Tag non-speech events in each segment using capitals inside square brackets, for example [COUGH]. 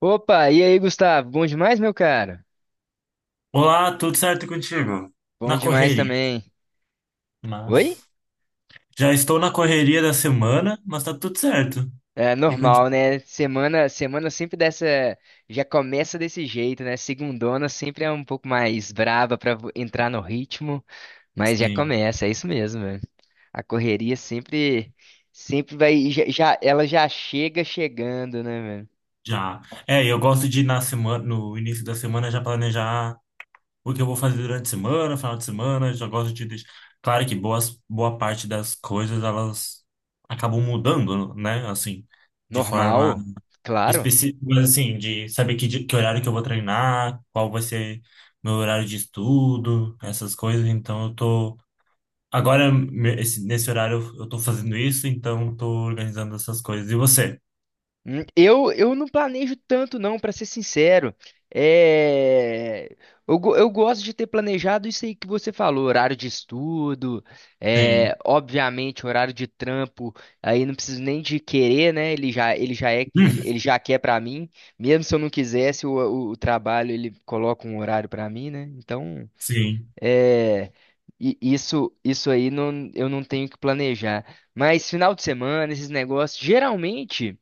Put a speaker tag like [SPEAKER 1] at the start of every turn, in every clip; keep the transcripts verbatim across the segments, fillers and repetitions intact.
[SPEAKER 1] Opa, e aí, Gustavo? Bom demais, meu cara?
[SPEAKER 2] Olá, tudo certo contigo?
[SPEAKER 1] Bom
[SPEAKER 2] Na
[SPEAKER 1] demais
[SPEAKER 2] correria,
[SPEAKER 1] também. Oi?
[SPEAKER 2] mas já estou na correria da semana, mas tá tudo certo.
[SPEAKER 1] É
[SPEAKER 2] E
[SPEAKER 1] normal,
[SPEAKER 2] contigo?
[SPEAKER 1] né? Semana, semana sempre dessa, já começa desse jeito, né? Segundona sempre é um pouco mais braba pra vo- entrar no ritmo, mas já
[SPEAKER 2] Sim,
[SPEAKER 1] começa, é isso mesmo, velho. A correria sempre, sempre vai, já, já- ela já chega chegando, né, velho?
[SPEAKER 2] já. É, eu gosto de ir na semana, no início da semana já planejar o que eu vou fazer durante a semana, final de semana, já gosto de deixar. Claro que boas, boa parte das coisas elas acabam mudando, né? Assim, de forma
[SPEAKER 1] Normal, claro.
[SPEAKER 2] específicos, assim, de saber que, di- que horário que eu vou treinar, qual vai ser meu horário de estudo, essas coisas. Então, eu tô. Agora, me- esse- nesse horário, eu eu tô fazendo isso, então, eu tô organizando essas coisas. E você?
[SPEAKER 1] Hum, Eu, eu não planejo tanto, não, pra ser sincero. É, eu, go- eu gosto de ter planejado isso aí que você falou, horário de estudo, é,
[SPEAKER 2] Sim.
[SPEAKER 1] obviamente horário de trampo, aí não preciso nem de querer, né? Ele já, ele já é, ele,
[SPEAKER 2] [LAUGHS] Hum.
[SPEAKER 1] ele já quer pra mim, mesmo se eu não quisesse, o, o, o trabalho ele coloca um horário pra mim, né? Então,
[SPEAKER 2] Sim,
[SPEAKER 1] é, i- isso, isso aí não, eu não tenho que planejar. Mas final de semana, esses negócios, geralmente.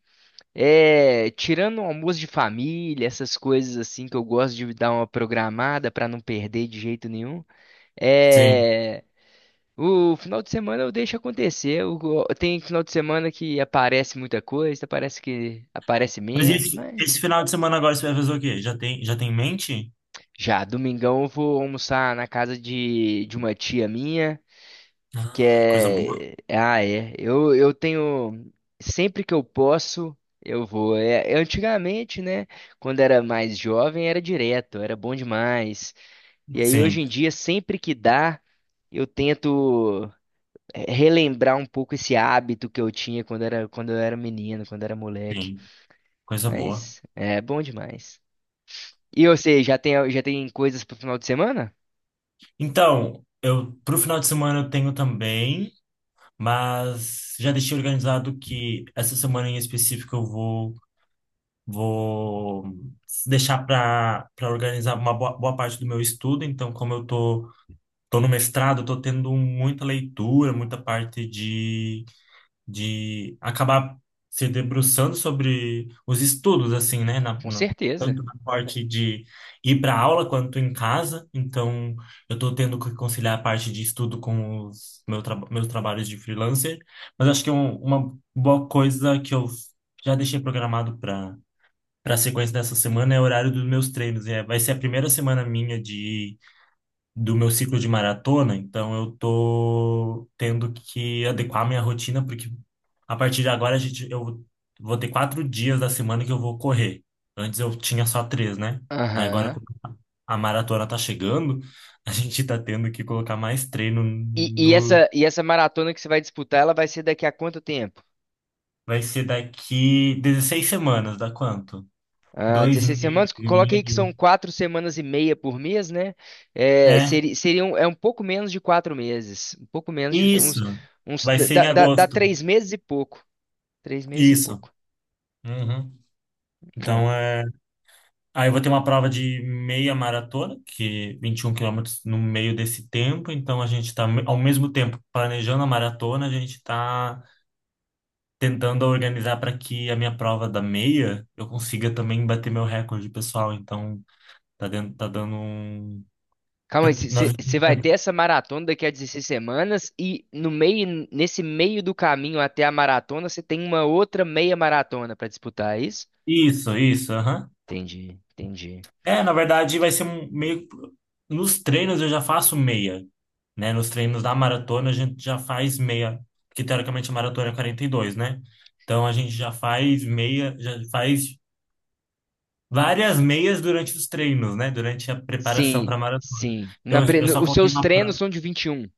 [SPEAKER 1] É, tirando o almoço de família, essas coisas assim que eu gosto de dar uma programada pra não perder de jeito nenhum.
[SPEAKER 2] sim.
[SPEAKER 1] É, o final de semana eu deixo acontecer. Eu go- tem final de semana que aparece muita coisa, parece que aparece
[SPEAKER 2] Mas
[SPEAKER 1] menos,
[SPEAKER 2] esse,
[SPEAKER 1] mas
[SPEAKER 2] esse final de semana agora você vai fazer o quê? Já tem, já tem em mente?
[SPEAKER 1] já domingão eu vou almoçar na casa de, de uma tia minha. Que
[SPEAKER 2] Ah, coisa boa.
[SPEAKER 1] é. Ah, é. Eu, eu tenho. Sempre que eu posso, eu vou. É, é, antigamente, né? Quando era mais jovem, era direto, era bom demais. E aí, hoje
[SPEAKER 2] Sim,
[SPEAKER 1] em dia, sempre que dá, eu tento é, relembrar um pouco esse hábito que eu tinha quando era, quando eu era menino, quando era moleque.
[SPEAKER 2] sim, coisa boa.
[SPEAKER 1] Mas é bom demais. E você, já tem, já tem coisas pro final de semana?
[SPEAKER 2] Então, eu pro final de semana eu tenho também. Mas já deixei organizado que essa semana em específico eu vou, vou deixar para para organizar uma boa, boa parte do meu estudo. Então, como eu tô, tô no mestrado, eu tô tendo muita leitura, muita parte de de acabar se debruçando sobre os estudos, assim, né? Na-
[SPEAKER 1] Com
[SPEAKER 2] na-
[SPEAKER 1] certeza.
[SPEAKER 2] tanto na parte de ir para aula quanto em casa. Então, eu estou tendo que conciliar a parte de estudo com os meu traba- meus trabalhos de freelancer. Mas acho que um- uma boa coisa que eu já deixei programado para para a sequência dessa semana é o horário dos meus treinos. É, vai ser a primeira semana minha de do meu ciclo de maratona, então eu tô tendo que adequar minha rotina, porque a partir de agora a gente, eu vou ter quatro dias da semana que eu vou correr. Antes eu tinha só três, né? Aí agora
[SPEAKER 1] Aham.
[SPEAKER 2] como a maratona tá chegando, [LAUGHS] a gente tá tendo que colocar mais treino
[SPEAKER 1] E, e
[SPEAKER 2] no.
[SPEAKER 1] essa, e essa maratona que você vai disputar, ela vai ser daqui a quanto tempo?
[SPEAKER 2] Vai ser daqui dezesseis semanas, dá quanto?
[SPEAKER 1] Ah,
[SPEAKER 2] Dois
[SPEAKER 1] dezesseis
[SPEAKER 2] meses
[SPEAKER 1] semanas?
[SPEAKER 2] e
[SPEAKER 1] Coloca aí que são
[SPEAKER 2] meio.
[SPEAKER 1] quatro semanas e meia por mês, né? É,
[SPEAKER 2] É,
[SPEAKER 1] seri- seriam, é um pouco menos de quatro meses. Um pouco menos de uns,
[SPEAKER 2] isso.
[SPEAKER 1] uns
[SPEAKER 2] Vai ser
[SPEAKER 1] dá,
[SPEAKER 2] em
[SPEAKER 1] dá, dá
[SPEAKER 2] agosto.
[SPEAKER 1] três meses e pouco. Três meses e
[SPEAKER 2] Isso.
[SPEAKER 1] pouco.
[SPEAKER 2] Uhum.
[SPEAKER 1] É.
[SPEAKER 2] Então é. Aí eu vou ter uma prova de meia maratona, que vinte e um quilômetros no meio desse tempo. Então a gente está, ao mesmo tempo, planejando a maratona, a gente está tentando organizar para que a minha prova da meia eu consiga também bater meu recorde pessoal. Então tá, dentro, tá dando um.
[SPEAKER 1] Calma aí,
[SPEAKER 2] Nós.
[SPEAKER 1] você vai ter essa maratona daqui a dezesseis semanas e no meio, nesse meio do caminho até a maratona, você tem uma outra meia maratona para disputar, é isso?
[SPEAKER 2] Isso, isso, aham.
[SPEAKER 1] Entendi, entendi.
[SPEAKER 2] É, na verdade, vai ser um meio. Nos treinos eu já faço meia, né? Nos treinos da maratona a gente já faz meia, porque teoricamente a maratona é quarenta e dois, né? Então a gente já faz meia, já faz várias meias durante os treinos, né? Durante a preparação
[SPEAKER 1] Sim,
[SPEAKER 2] para a maratona.
[SPEAKER 1] sim. Na
[SPEAKER 2] Então eu
[SPEAKER 1] pre-
[SPEAKER 2] eu
[SPEAKER 1] no-
[SPEAKER 2] só
[SPEAKER 1] Os
[SPEAKER 2] coloquei
[SPEAKER 1] seus
[SPEAKER 2] uma
[SPEAKER 1] treinos
[SPEAKER 2] pra.
[SPEAKER 1] são de vinte e um.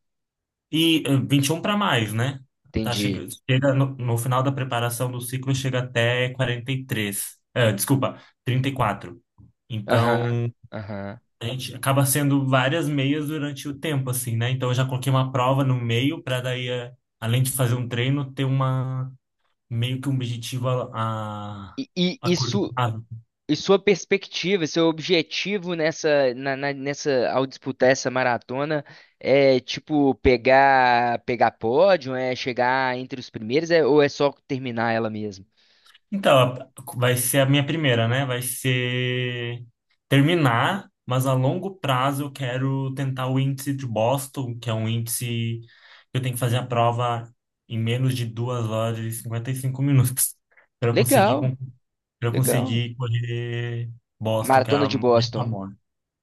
[SPEAKER 2] E eh, vinte e um para mais, né? Tá
[SPEAKER 1] Entendi.
[SPEAKER 2] chega, chega no, no final da preparação do ciclo chega até quarenta e três. Eh, desculpa, trinta e quatro.
[SPEAKER 1] Aham,
[SPEAKER 2] Então
[SPEAKER 1] aham.
[SPEAKER 2] a gente acaba sendo várias meias durante o tempo, assim, né? Então eu já coloquei uma prova no meio para daí, eh, além de fazer um treino, ter uma meio que um objetivo a, a,
[SPEAKER 1] E, e,
[SPEAKER 2] a
[SPEAKER 1] e,
[SPEAKER 2] curto
[SPEAKER 1] su-
[SPEAKER 2] prazo.
[SPEAKER 1] e sua perspectiva, seu objetivo nessa, na, na- nessa, ao disputar essa maratona é tipo pegar, pegar pódio, é chegar entre os primeiros, é, ou é só terminar ela mesmo?
[SPEAKER 2] Então, a- vai ser a minha primeira, né? Vai ser terminar, mas a longo prazo eu quero tentar o índice de Boston, que é um índice que eu tenho que fazer a prova em menos de duas horas e cinquenta e cinco minutos. [LAUGHS] Para conseguir
[SPEAKER 1] Legal,
[SPEAKER 2] pra eu
[SPEAKER 1] legal.
[SPEAKER 2] conseguir correr Boston, que é
[SPEAKER 1] Maratona
[SPEAKER 2] a
[SPEAKER 1] de
[SPEAKER 2] meta
[SPEAKER 1] Boston.
[SPEAKER 2] maior.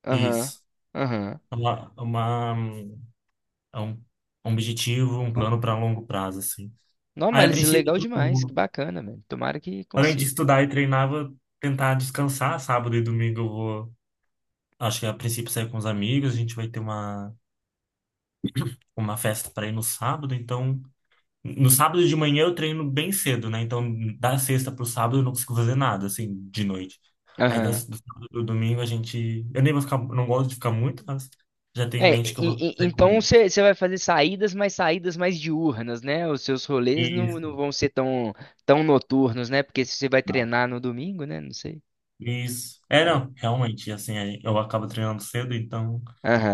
[SPEAKER 1] Aham,
[SPEAKER 2] Isso.
[SPEAKER 1] aham.
[SPEAKER 2] É Uma, é uma, é um, é um objetivo, um plano para longo prazo, assim.
[SPEAKER 1] Não,
[SPEAKER 2] Aí,
[SPEAKER 1] mas
[SPEAKER 2] a
[SPEAKER 1] isso é
[SPEAKER 2] princípio,
[SPEAKER 1] legal demais,
[SPEAKER 2] eu,
[SPEAKER 1] que bacana, velho. Tomara que
[SPEAKER 2] além de
[SPEAKER 1] consiga.
[SPEAKER 2] estudar e treinar, vou tentar descansar. Sábado e domingo eu vou, acho que a princípio, sair com os amigos. A gente vai ter uma, uma festa para ir no sábado, então. No sábado de manhã eu treino bem cedo, né? Então, da sexta pro sábado eu não consigo fazer nada, assim, de noite. Aí,
[SPEAKER 1] Aham.
[SPEAKER 2] das, do sábado pro domingo a gente. Eu nem vou ficar. Não gosto de ficar muito, mas já tenho em
[SPEAKER 1] É,
[SPEAKER 2] mente que eu vou
[SPEAKER 1] e- e-
[SPEAKER 2] sair com
[SPEAKER 1] então
[SPEAKER 2] ele.
[SPEAKER 1] você vai fazer saídas, mas saídas mais diurnas, né? Os seus rolês não,
[SPEAKER 2] Isso.
[SPEAKER 1] não vão ser tão, tão noturnos, né? Porque se você vai
[SPEAKER 2] Não.
[SPEAKER 1] treinar no domingo, né? Não sei.
[SPEAKER 2] Isso. É, não, realmente, assim, aí eu acabo treinando cedo, então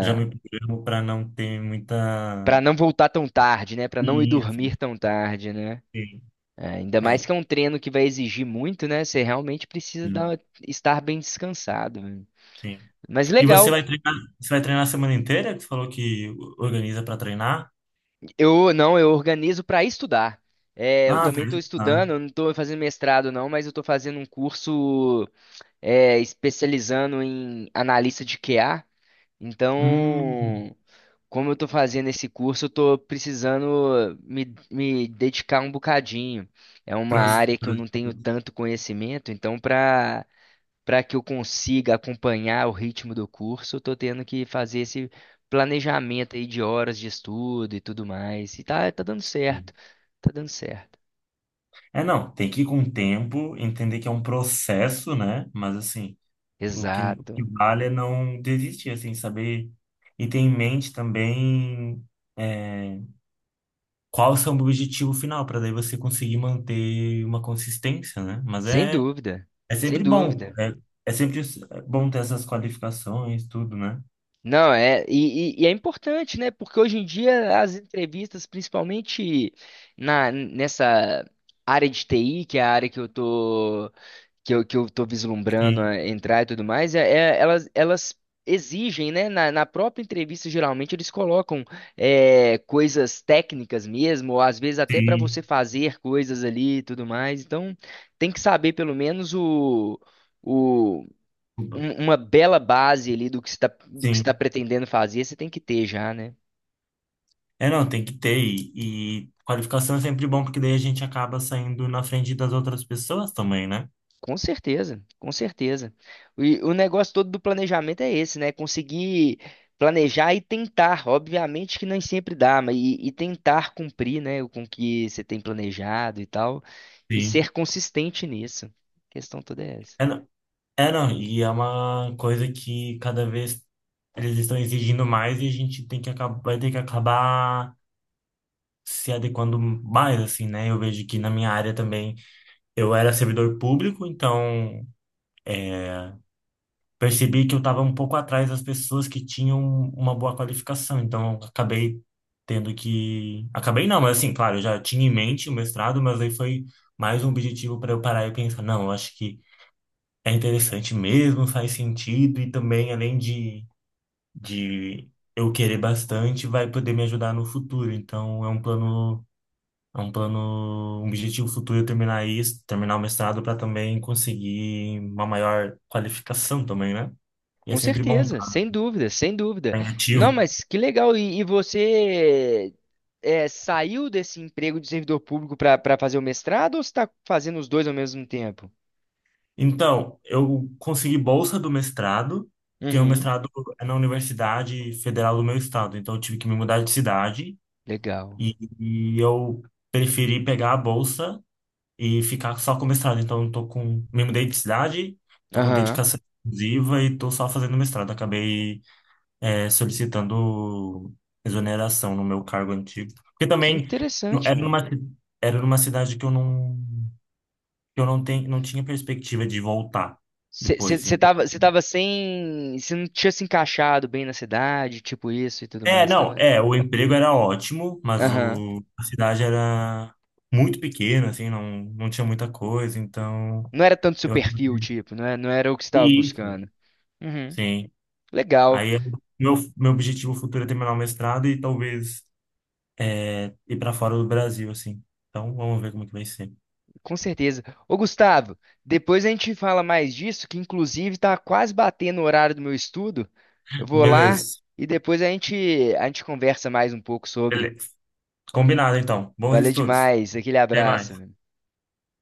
[SPEAKER 2] já me programo para não ter muita.
[SPEAKER 1] Pra não voltar tão tarde, né? Pra não ir
[SPEAKER 2] Isso.
[SPEAKER 1] dormir tão tarde, né?
[SPEAKER 2] Sim.
[SPEAKER 1] É, ainda
[SPEAKER 2] É,
[SPEAKER 1] mais que é um treino que vai exigir muito, né? Você realmente precisa
[SPEAKER 2] sim.
[SPEAKER 1] dar- estar bem descansado. Né?
[SPEAKER 2] Sim.
[SPEAKER 1] Mas
[SPEAKER 2] E você
[SPEAKER 1] legal.
[SPEAKER 2] vai treinar, você vai treinar a semana inteira? Que você falou que organiza para treinar?
[SPEAKER 1] Eu não, eu organizo pra estudar. É, eu
[SPEAKER 2] Ah, pra
[SPEAKER 1] também estou
[SPEAKER 2] treinar.
[SPEAKER 1] estudando, eu não estou fazendo mestrado não, mas eu estou fazendo um curso é, especializando em analista de Q A.
[SPEAKER 2] Hum.
[SPEAKER 1] Então, como eu estou fazendo esse curso, eu estou precisando me, me dedicar um bocadinho. É uma
[SPEAKER 2] Pros-
[SPEAKER 1] área que eu
[SPEAKER 2] pro-
[SPEAKER 1] não tenho
[SPEAKER 2] produzir.
[SPEAKER 1] tanto conhecimento, então para para que eu consiga acompanhar o ritmo do curso, eu estou tendo que fazer esse planejamento aí de horas de estudo e tudo mais. E tá, tá dando certo, tá dando certo.
[SPEAKER 2] É, não, tem que ir com o tempo, entender que é um processo, né? Mas, assim, o que, o
[SPEAKER 1] Exato.
[SPEAKER 2] que vale é não desistir, assim, saber e ter em mente também é, qual é o seu objetivo final, para daí você conseguir manter uma consistência, né? Mas
[SPEAKER 1] Sem
[SPEAKER 2] é,
[SPEAKER 1] dúvida,
[SPEAKER 2] é
[SPEAKER 1] sem
[SPEAKER 2] sempre bom,
[SPEAKER 1] dúvida.
[SPEAKER 2] é, é sempre bom ter essas qualificações, tudo, né?
[SPEAKER 1] Não, é, e, e- e é importante, né? Porque hoje em dia as entrevistas, principalmente na, nessa área de T I, que é a área que eu tô, que eu, que eu tô vislumbrando
[SPEAKER 2] Sim,
[SPEAKER 1] a entrar e tudo mais, é, é- elas, elas exigem, né? Na, na própria entrevista, geralmente, eles colocam é, coisas técnicas mesmo, ou às vezes até para
[SPEAKER 2] sim,
[SPEAKER 1] você fazer coisas ali e tudo mais. Então, tem que saber pelo menos o
[SPEAKER 2] desculpa.
[SPEAKER 1] um- uma bela base ali do que você está do que você tá
[SPEAKER 2] Sim.
[SPEAKER 1] pretendendo fazer, você tem que ter já, né?
[SPEAKER 2] É, não, tem que ter. E, e qualificação é sempre bom, porque daí a gente acaba saindo na frente das outras pessoas também, né?
[SPEAKER 1] Com certeza, com certeza. E o negócio todo do planejamento é esse, né? Conseguir planejar e tentar. Obviamente que nem sempre dá, mas e, e tentar cumprir, né, com o que você tem planejado e tal, e
[SPEAKER 2] Sim.
[SPEAKER 1] ser consistente nisso. A questão toda é essa.
[SPEAKER 2] É, não, é, não, e é uma coisa que cada vez eles estão exigindo mais e a gente tem que acabar, vai ter que acabar se adequando mais, assim, né? Eu vejo que na minha área também eu era servidor público, então. Percebi que eu estava um pouco atrás das pessoas que tinham uma boa qualificação, então eu acabei tendo que. Acabei não, mas assim, claro, eu já tinha em mente o mestrado, mas aí foi mais um objetivo para eu parar e pensar, não, eu acho que é interessante mesmo, faz sentido, e também, além de, de eu querer bastante, vai poder me ajudar no futuro. Então é um plano. É um plano, um objetivo futuro eu terminar isso, terminar o mestrado para também conseguir uma maior qualificação também, né? E é
[SPEAKER 1] Com
[SPEAKER 2] sempre bom
[SPEAKER 1] certeza, sem dúvida, sem dúvida.
[SPEAKER 2] tá em
[SPEAKER 1] Não,
[SPEAKER 2] ativo.
[SPEAKER 1] mas que legal. E, e você é, saiu desse emprego de servidor público para para fazer o mestrado ou você está fazendo os dois ao mesmo tempo?
[SPEAKER 2] Então, eu consegui bolsa do mestrado, porque o
[SPEAKER 1] Uhum.
[SPEAKER 2] mestrado é na Universidade Federal do meu estado, então eu tive que me mudar de cidade
[SPEAKER 1] Legal.
[SPEAKER 2] e, e eu preferi pegar a bolsa e ficar só com o mestrado. Então, eu tô com, me mudei de cidade, tô com
[SPEAKER 1] Aham.
[SPEAKER 2] dedicação exclusiva e tô só fazendo mestrado. Acabei, é, solicitando exoneração no meu cargo antigo. Porque
[SPEAKER 1] Que
[SPEAKER 2] também
[SPEAKER 1] interessante,
[SPEAKER 2] era
[SPEAKER 1] velho.
[SPEAKER 2] numa, era numa cidade que eu não eu não tenho, não tinha perspectiva de voltar depois,
[SPEAKER 1] Você
[SPEAKER 2] então.
[SPEAKER 1] tava, você
[SPEAKER 2] Assim.
[SPEAKER 1] tava sem. Você não tinha se encaixado bem na cidade, tipo isso e tudo
[SPEAKER 2] É,
[SPEAKER 1] mais,
[SPEAKER 2] não,
[SPEAKER 1] tava?
[SPEAKER 2] é, o emprego era ótimo, mas
[SPEAKER 1] Aham.
[SPEAKER 2] o, a cidade era muito pequena, assim, não, não tinha muita coisa, então
[SPEAKER 1] Não era tanto seu
[SPEAKER 2] eu
[SPEAKER 1] perfil,
[SPEAKER 2] acabei.
[SPEAKER 1] tipo, não é- não era o que você estava
[SPEAKER 2] Isso.
[SPEAKER 1] buscando. Uhum.
[SPEAKER 2] Sim.
[SPEAKER 1] Legal.
[SPEAKER 2] Aí eu- Meu, meu objetivo futuro é terminar o mestrado e talvez é, ir para fora do Brasil, assim. Então vamos ver como é que vai ser.
[SPEAKER 1] Com certeza. Ô, Gustavo, depois a gente fala mais disso, que inclusive tá quase batendo o horário do meu estudo. Eu vou lá
[SPEAKER 2] Beleza.
[SPEAKER 1] e depois a gente a gente conversa mais um pouco sobre.
[SPEAKER 2] Beleza. Combinado, então. Bons
[SPEAKER 1] Valeu
[SPEAKER 2] estudos.
[SPEAKER 1] demais. Aquele
[SPEAKER 2] Até mais.
[SPEAKER 1] abraço. Meu.